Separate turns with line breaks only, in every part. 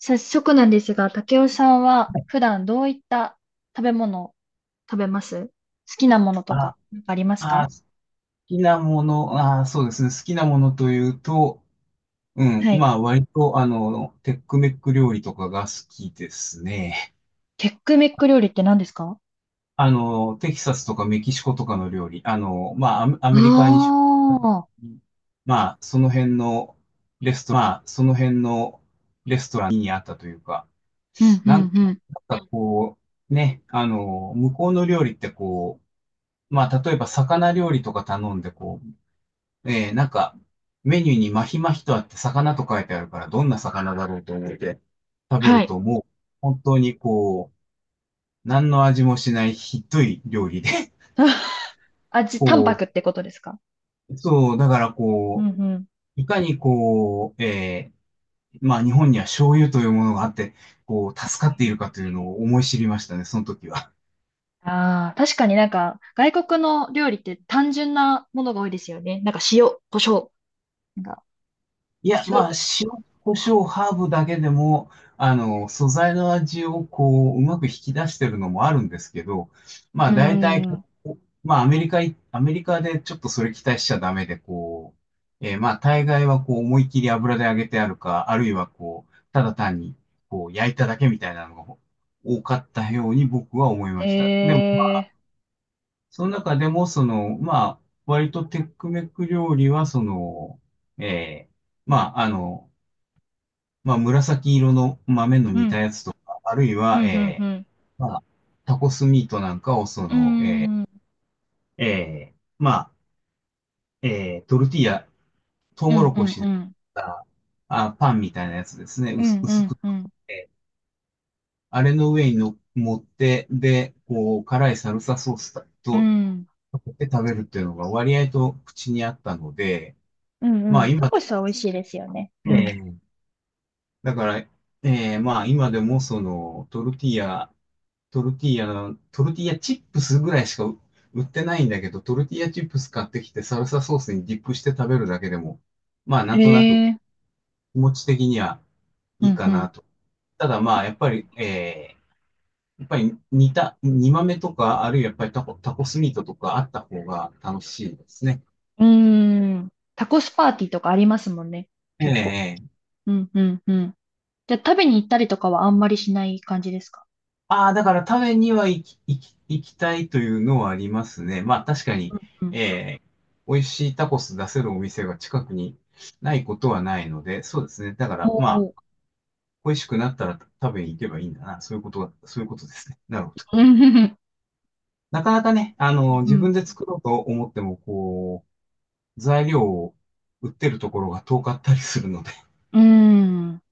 早速なんですが、竹雄さんは普段どういった食べ物を食べます好きなものと
あ、
か、なんかありますか？
あ、好きなもの、そうですね。好きなものというと、うん、
はい。
まあ、割と、テックメック料理とかが好きですね。
テックメック料理って何ですか？
テキサスとかメキシコとかの料理、まあ、アメリカに
あ
出張した時
あ
に、まあ、その辺のレストラン、まあ、その辺のレストランにあったというか、
ー、うんう
な
ん
ん
うん。
なんかこう、ね、向こうの料理ってこう、まあ、例えば魚料理とか頼んで、こう、なんか、メニューにマヒマヒとあって魚と書いてあるから、どんな魚だろうと思って食べ
は
る
い。
と、もう、本当にこう、何の味もしないひどい料理で、
味、淡
こ
白ってことですか？
う、そう、だから
うん
こう、
うん。
いかにこう、まあ日本には醤油というものがあって、こう、助かっているかというのを思い知りましたね、その時は。
ああ、確かになんか、外国の料理って単純なものが多いですよね。なんか塩、胡椒、なんか、
いや、
酢
まあ、
と
塩、
か。
胡椒、ハーブだけでも、素材の味をこう、うまく引き出してるのもあるんですけど、ま
う
あ、
ー
大体、
ん。
まあ、アメリカでちょっとそれ期待しちゃダメで、こう、まあ、大概はこう、思いっきり油で揚げてあるか、あるいはこう、ただ単に、こう、焼いただけみたいなのが多かったように僕は思いました。でも、
ええ
その中でも、その、まあ、割とテックメック料理は、その、えーまあ、まあ、紫色の豆の
ー。う
煮た
ん、
やつとか、あるい
うん、
は、
うん、うん。
まあ、タコスミートなんかを、そ
うー
の、
ん、う
まあ、トルティーヤ、トウモ
ん、
ロ
う
コ
ん、
シ
う
で
ん。
パンみたいなやつですね、
う
薄
んう
薄
ん
く
うん
えーあれの上にの持って、で、こう、辛いサルサソース
う
と、
ん。
かけて食べるっていうのが割合と口にあったので、
うん
ま
う
あ
ん。タ
今
コ
で
スは美味しいですよね。
も、
うん。
だから、まあ今でもそのトルティーヤのトルティーヤチップスぐらいしか売ってないんだけど、トルティーヤチップス買ってきてサルサソースにディップして食べるだけでも、まあな
へ
んとなく気
え。
持ち的には
う
いい
んう
かな
ん。
と。ただまあやっぱり煮豆とか、あるいはやっぱりタコスミートとかあった方が楽しいですね。
うーん。タコスパーティーとかありますもんね。結構。
ええ、
うんうんうん。じゃあ食べに行ったりとかはあんまりしない感じですか？
ああ、だから食べには行きたいというのはありますね。まあ確かに、
うんうん。
え美味しいタコス出せるお店が近くにないことはないので、そうですね。だか
お
らま
ー
あ、恋しくなったら食べに行けばいいんだな。そういうことが、そういうことですね。なるほど。
うんうん
なかなかね、自分で作ろうと思っても、こう、材料を売ってるところが遠かったりするので、
うん。うーん。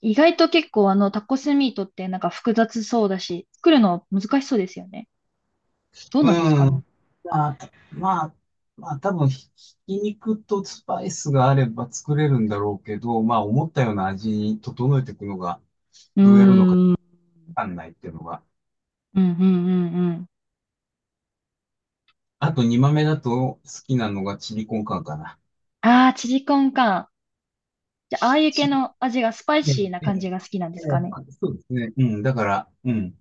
意外と結構あのタコスミートってなんか複雑そうだし、作るの難しそうですよね。どうなんですか
う
ね。
ん。まあ、まあ、まあ、多分ひき肉とスパイスがあれば作れるんだろうけど、まあ、思ったような味に整えていくのが、
うー
どうやるのか
ん。うん
わかんないっていうのが。
うんうんうん。
あと、煮豆だと好きなのがチリコンカンかな。
ああ、チリコンか。じゃあ、ああいう系
チ
の味がスパイ
リ、え
シーな
え、え
感じ
え、
が好きなんで
え
す
え、
かね。
まあ、そうですね。うん、だから、うん、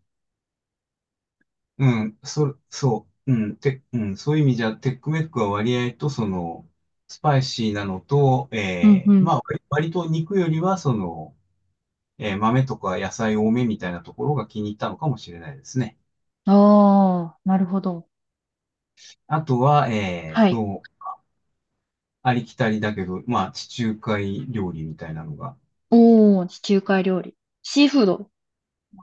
うん、そう、うん、うん、そういう意味じゃ、テックメックは割合と、その、スパイシーなのと、え
うんう
え、
ん。
まあ、割と肉よりは、その、豆とか野菜多めみたいなところが気に入ったのかもしれないですね。
ああ、なるほど。
あとは、
はい。
ありきたりだけど、まあ、地中海料理みたいなのが、
おー、地中海料理。シーフード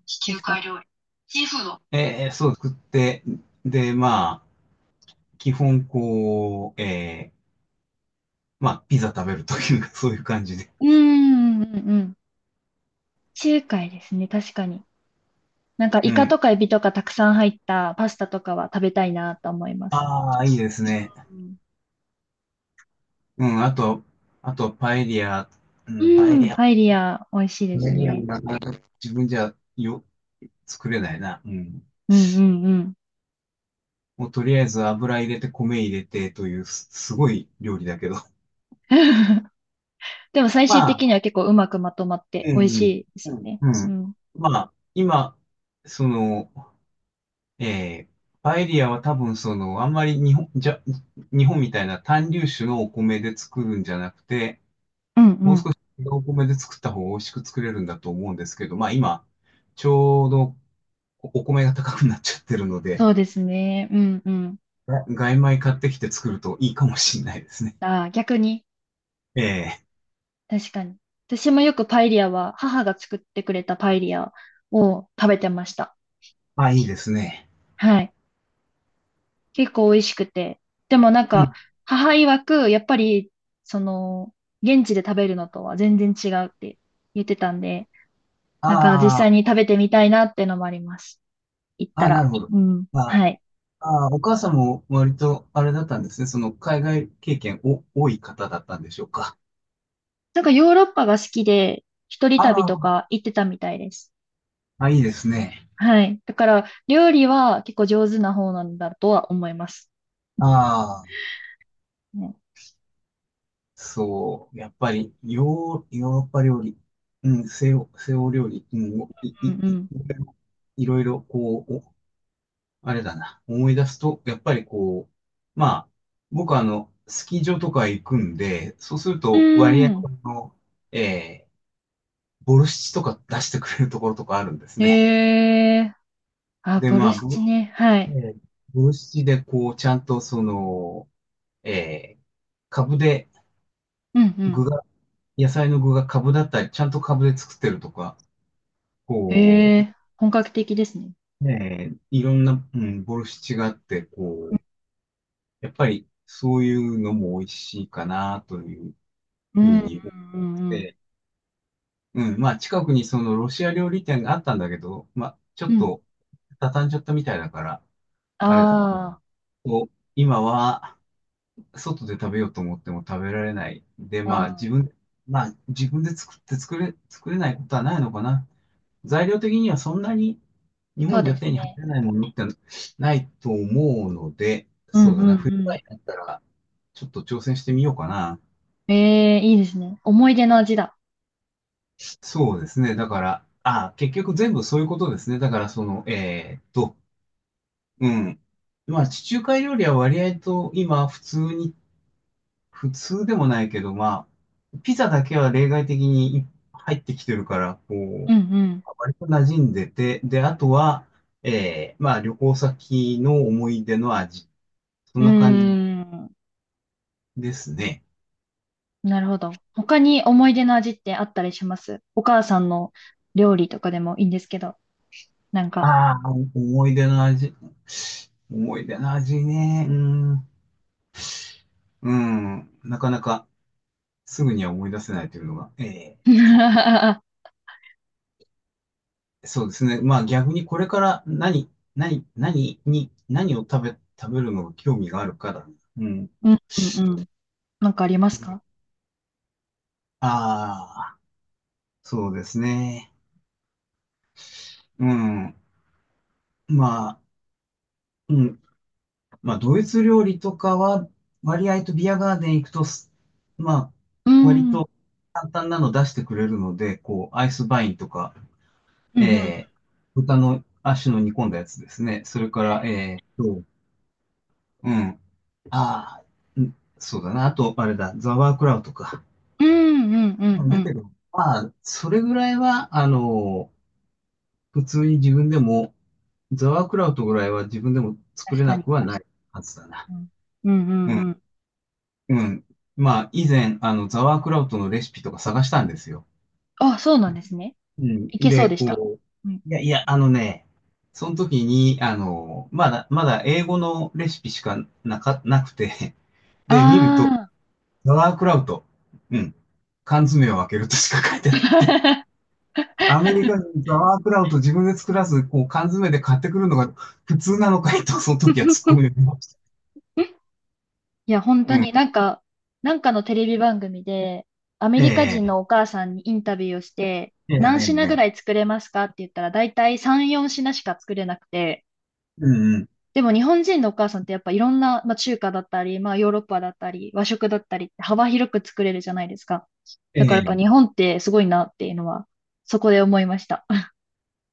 地
で
中
す
海
か？
料理。シーフード。そう作って、で、まあ、基本こう、まあ、ピザ食べるというか、そういう感じで。
うーん、うん、うん。地中海ですね、確かに。なんか、
う
イカ
ん。
とかエビとかたくさん入ったパスタとかは食べたいなと思います。
ああ、いいですね。
うん
うん、あと、パエリア、うん、パ
う
エリ
ん、
ア、
パエリア、美味しいですね。
自分じゃよ、作れないな。うん。
うんうんうん。
もうとりあえず油入れて米入れてというすごい料理だけど。
でも 最終
まあ、
的には結構うまくまとまって
う
美味し
ん、
いで
う
すよ
ん、
ね。
う
う
ん。
ん。
まあ、今、その、えーパエリアは多分その、あんまり日本みたいな単粒種のお米で作るんじゃなくて、
うんう
もう
ん。
少し違うお米で作った方が美味しく作れるんだと思うんですけど、まあ今、ちょうどお米が高くなっちゃってるので、
そうですね。うんうん。
が外米買ってきて作るといいかもしれないですね。
ああ、逆に。
ええ、
確かに。私もよくパエリアは、母が作ってくれたパエリアを食べてました。
あ、いいですね。
はい。結構美味しくて。でもなん
う
か、
ん、
母曰く、やっぱり、その、現地で食べるのとは全然違うって言ってたんで、なんか実
あ
際に
あ、
食べてみたいなってのもあります。行った
あ、な
ら。
るほど。
うん。
まあー
はい。
あー、お母さんも割とあれだったんですね。その海外経験お多い方だったんでしょうか。
なんかヨーロッパが好きで、一人
あ
旅と
あ、
か行ってたみたいです。
あ、いいですね。
はい。だから、料理は結構上手な方なんだとは思います。
ああ、
ね
そう。やっぱりヨーロッパ料理、うん、西欧料理、うん、
うん
いろいろこう、あれだな。思い出すと、やっぱりこう、まあ、僕はスキー場とか行くんで、そうする
う
と割合
ん。うー
の、ええ、ボルシチとか出してくれるところとかあるんです
ん。
ね。
へえ。あ、
で、
ボ
ま
ル
あ、
シチ
ボ、
ね。は
え
い。
ーボルシチでこう、ちゃんとその、えー、株で
うんう
具
ん。
が、野菜の具が株だったり、ちゃんと株で作ってるとか、こ
へえ。本格的ですね。
う、いろんな、うん、ボルシチがあって、こう、やっぱりそういうのも美味しいかなという
う
ふ
ん
う
うん
に思っ
うんうん。
て、うん、まあ近くにそのロシア料理店があったんだけど、まあちょっ
うん。
と畳んじゃったみたいだから、あれだな。
あ
こう今は外で食べようと思っても食べられない。で、
ーあー、
まあ自分で作って作れないことはないのかな。材料的にはそんなに日
そう
本じ
で
ゃ
す
手に入
ね。
らないものってないと思うので、
うん
そ
う
う
ん
だ
う
な、冬場
ん。
になったらちょっと挑戦してみようかな。
ええ、いいですね。思い出の味だ。
そうですね。だから、あ、結局全部そういうことですね。だからその、うん。まあ地中海料理は割合と今普通でもないけど、まあ、ピザだけは例外的に入ってきてるから、こ
うん
う、割と馴染んでて、で、あとは、まあ、旅行先の思い出の味。そん
う
な感じ
ん。うーん。
ですね。
なるほど。他に思い出の味ってあったりしますお母さんの料理とかでもいいんですけど、なん
あ
か。
あ、思い出の味。思い出の味ね。うん。うん。なかなかすぐには思い出せないというのが。
うん
と。そうですね。まあ逆にこれから何を食べるのが興味があるから。うん。
うんうん。なんかありますか？
ああ、そうですね。うん。まあ、うん。まあドイツ料理とかは、割合とビアガーデン行くとまあ、
う
割
ん。うん
と簡単なの出してくれるので、こう、アイスバインとか、
うん
えー、豚の足の煮込んだやつですね。それから、うん。ああ、うんそうだな。あと、あれだ、ザワークラウトか。
うんうんうんう
だ
ん。
けど、まあ、それぐらいは、普通に自分でも、ザワークラウトぐらいは自分でも作
確
れ
か
な
に。
くはないはずだな。
うん。うんう
う
ん
ん。
うん。
うん。まあ、以前、ザワークラウトのレシピとか探したんですよ。
あ、そうなんですね。
うん。
いけそう
で、
でした。
こ
うん。
う、いやいや、あのね、その時に、まだ英語のレシピしかなくて、
あ
で、見ると、
あ。
ザワークラウト、うん。缶詰を開けるとしか書いてなくて アメリカ人ザワークラウト自分で作らず、こう缶詰で買ってくるのが普通なのかいと、その時は突っ込みました。
いや、本
う
当
ん。
になんか、なんかのテレビ番組で、アメ
え
リカ
え、
人のお母さんにインタビューをして、
ええ、え
何品
え、
ぐ
え
ら
え、
い作れますかって言ったら、だいたい3、4品しか作れなくて、
うんうん。
でも日本人のお母さんってやっぱいろんな、まあ、中華だったり、まあヨーロッパだったり、和食だったりって幅広く作れるじゃないですか。
え
だからやっぱ日
え。
本ってすごいなっていうのは、そこで思いました。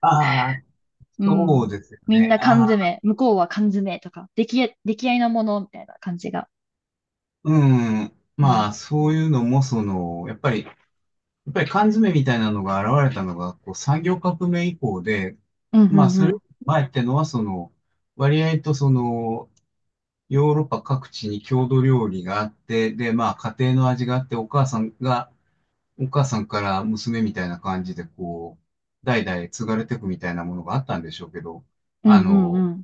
ああ、
う
そ
ん。
うですよ
みん
ね。
な缶
ああ、
詰、向こうは缶詰とか、出来合いのものみたいな感じが。
うん。
う
ま
ん。
あ、そういうのも、その、やっぱり缶詰みたいなのが現れたのが、こう、産業革命以降で、
うんう
まあ、
ん
そ
う
れ
ん。
前ってのは、その、割合とその、ヨーロッパ各地に郷土料理があって、で、まあ、家庭の味があって、お母さんから娘みたいな感じで、こう、代々継がれていくみたいなものがあったんでしょうけど、
う
あ
んうんう
の、
ん。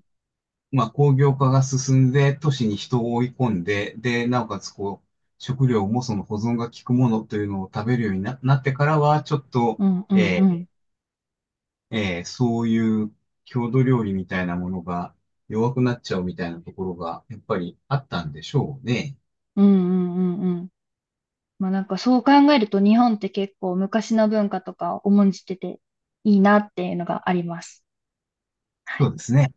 まあ、工業化が進んで、都市に人を追い込んで、で、なおかつ、こう、食料もその保存が効くものというのを食べるようになってからは、ちょっと、
うんうんう
え
ん。
そういう郷土料理みたいなものが弱くなっちゃうみたいなところが、やっぱりあったんでしょうね。
うんうんうんうん。まあなんかそう考えると日本って結構昔の文化とかを重んじてていいなっていうのがあります。
そうですね。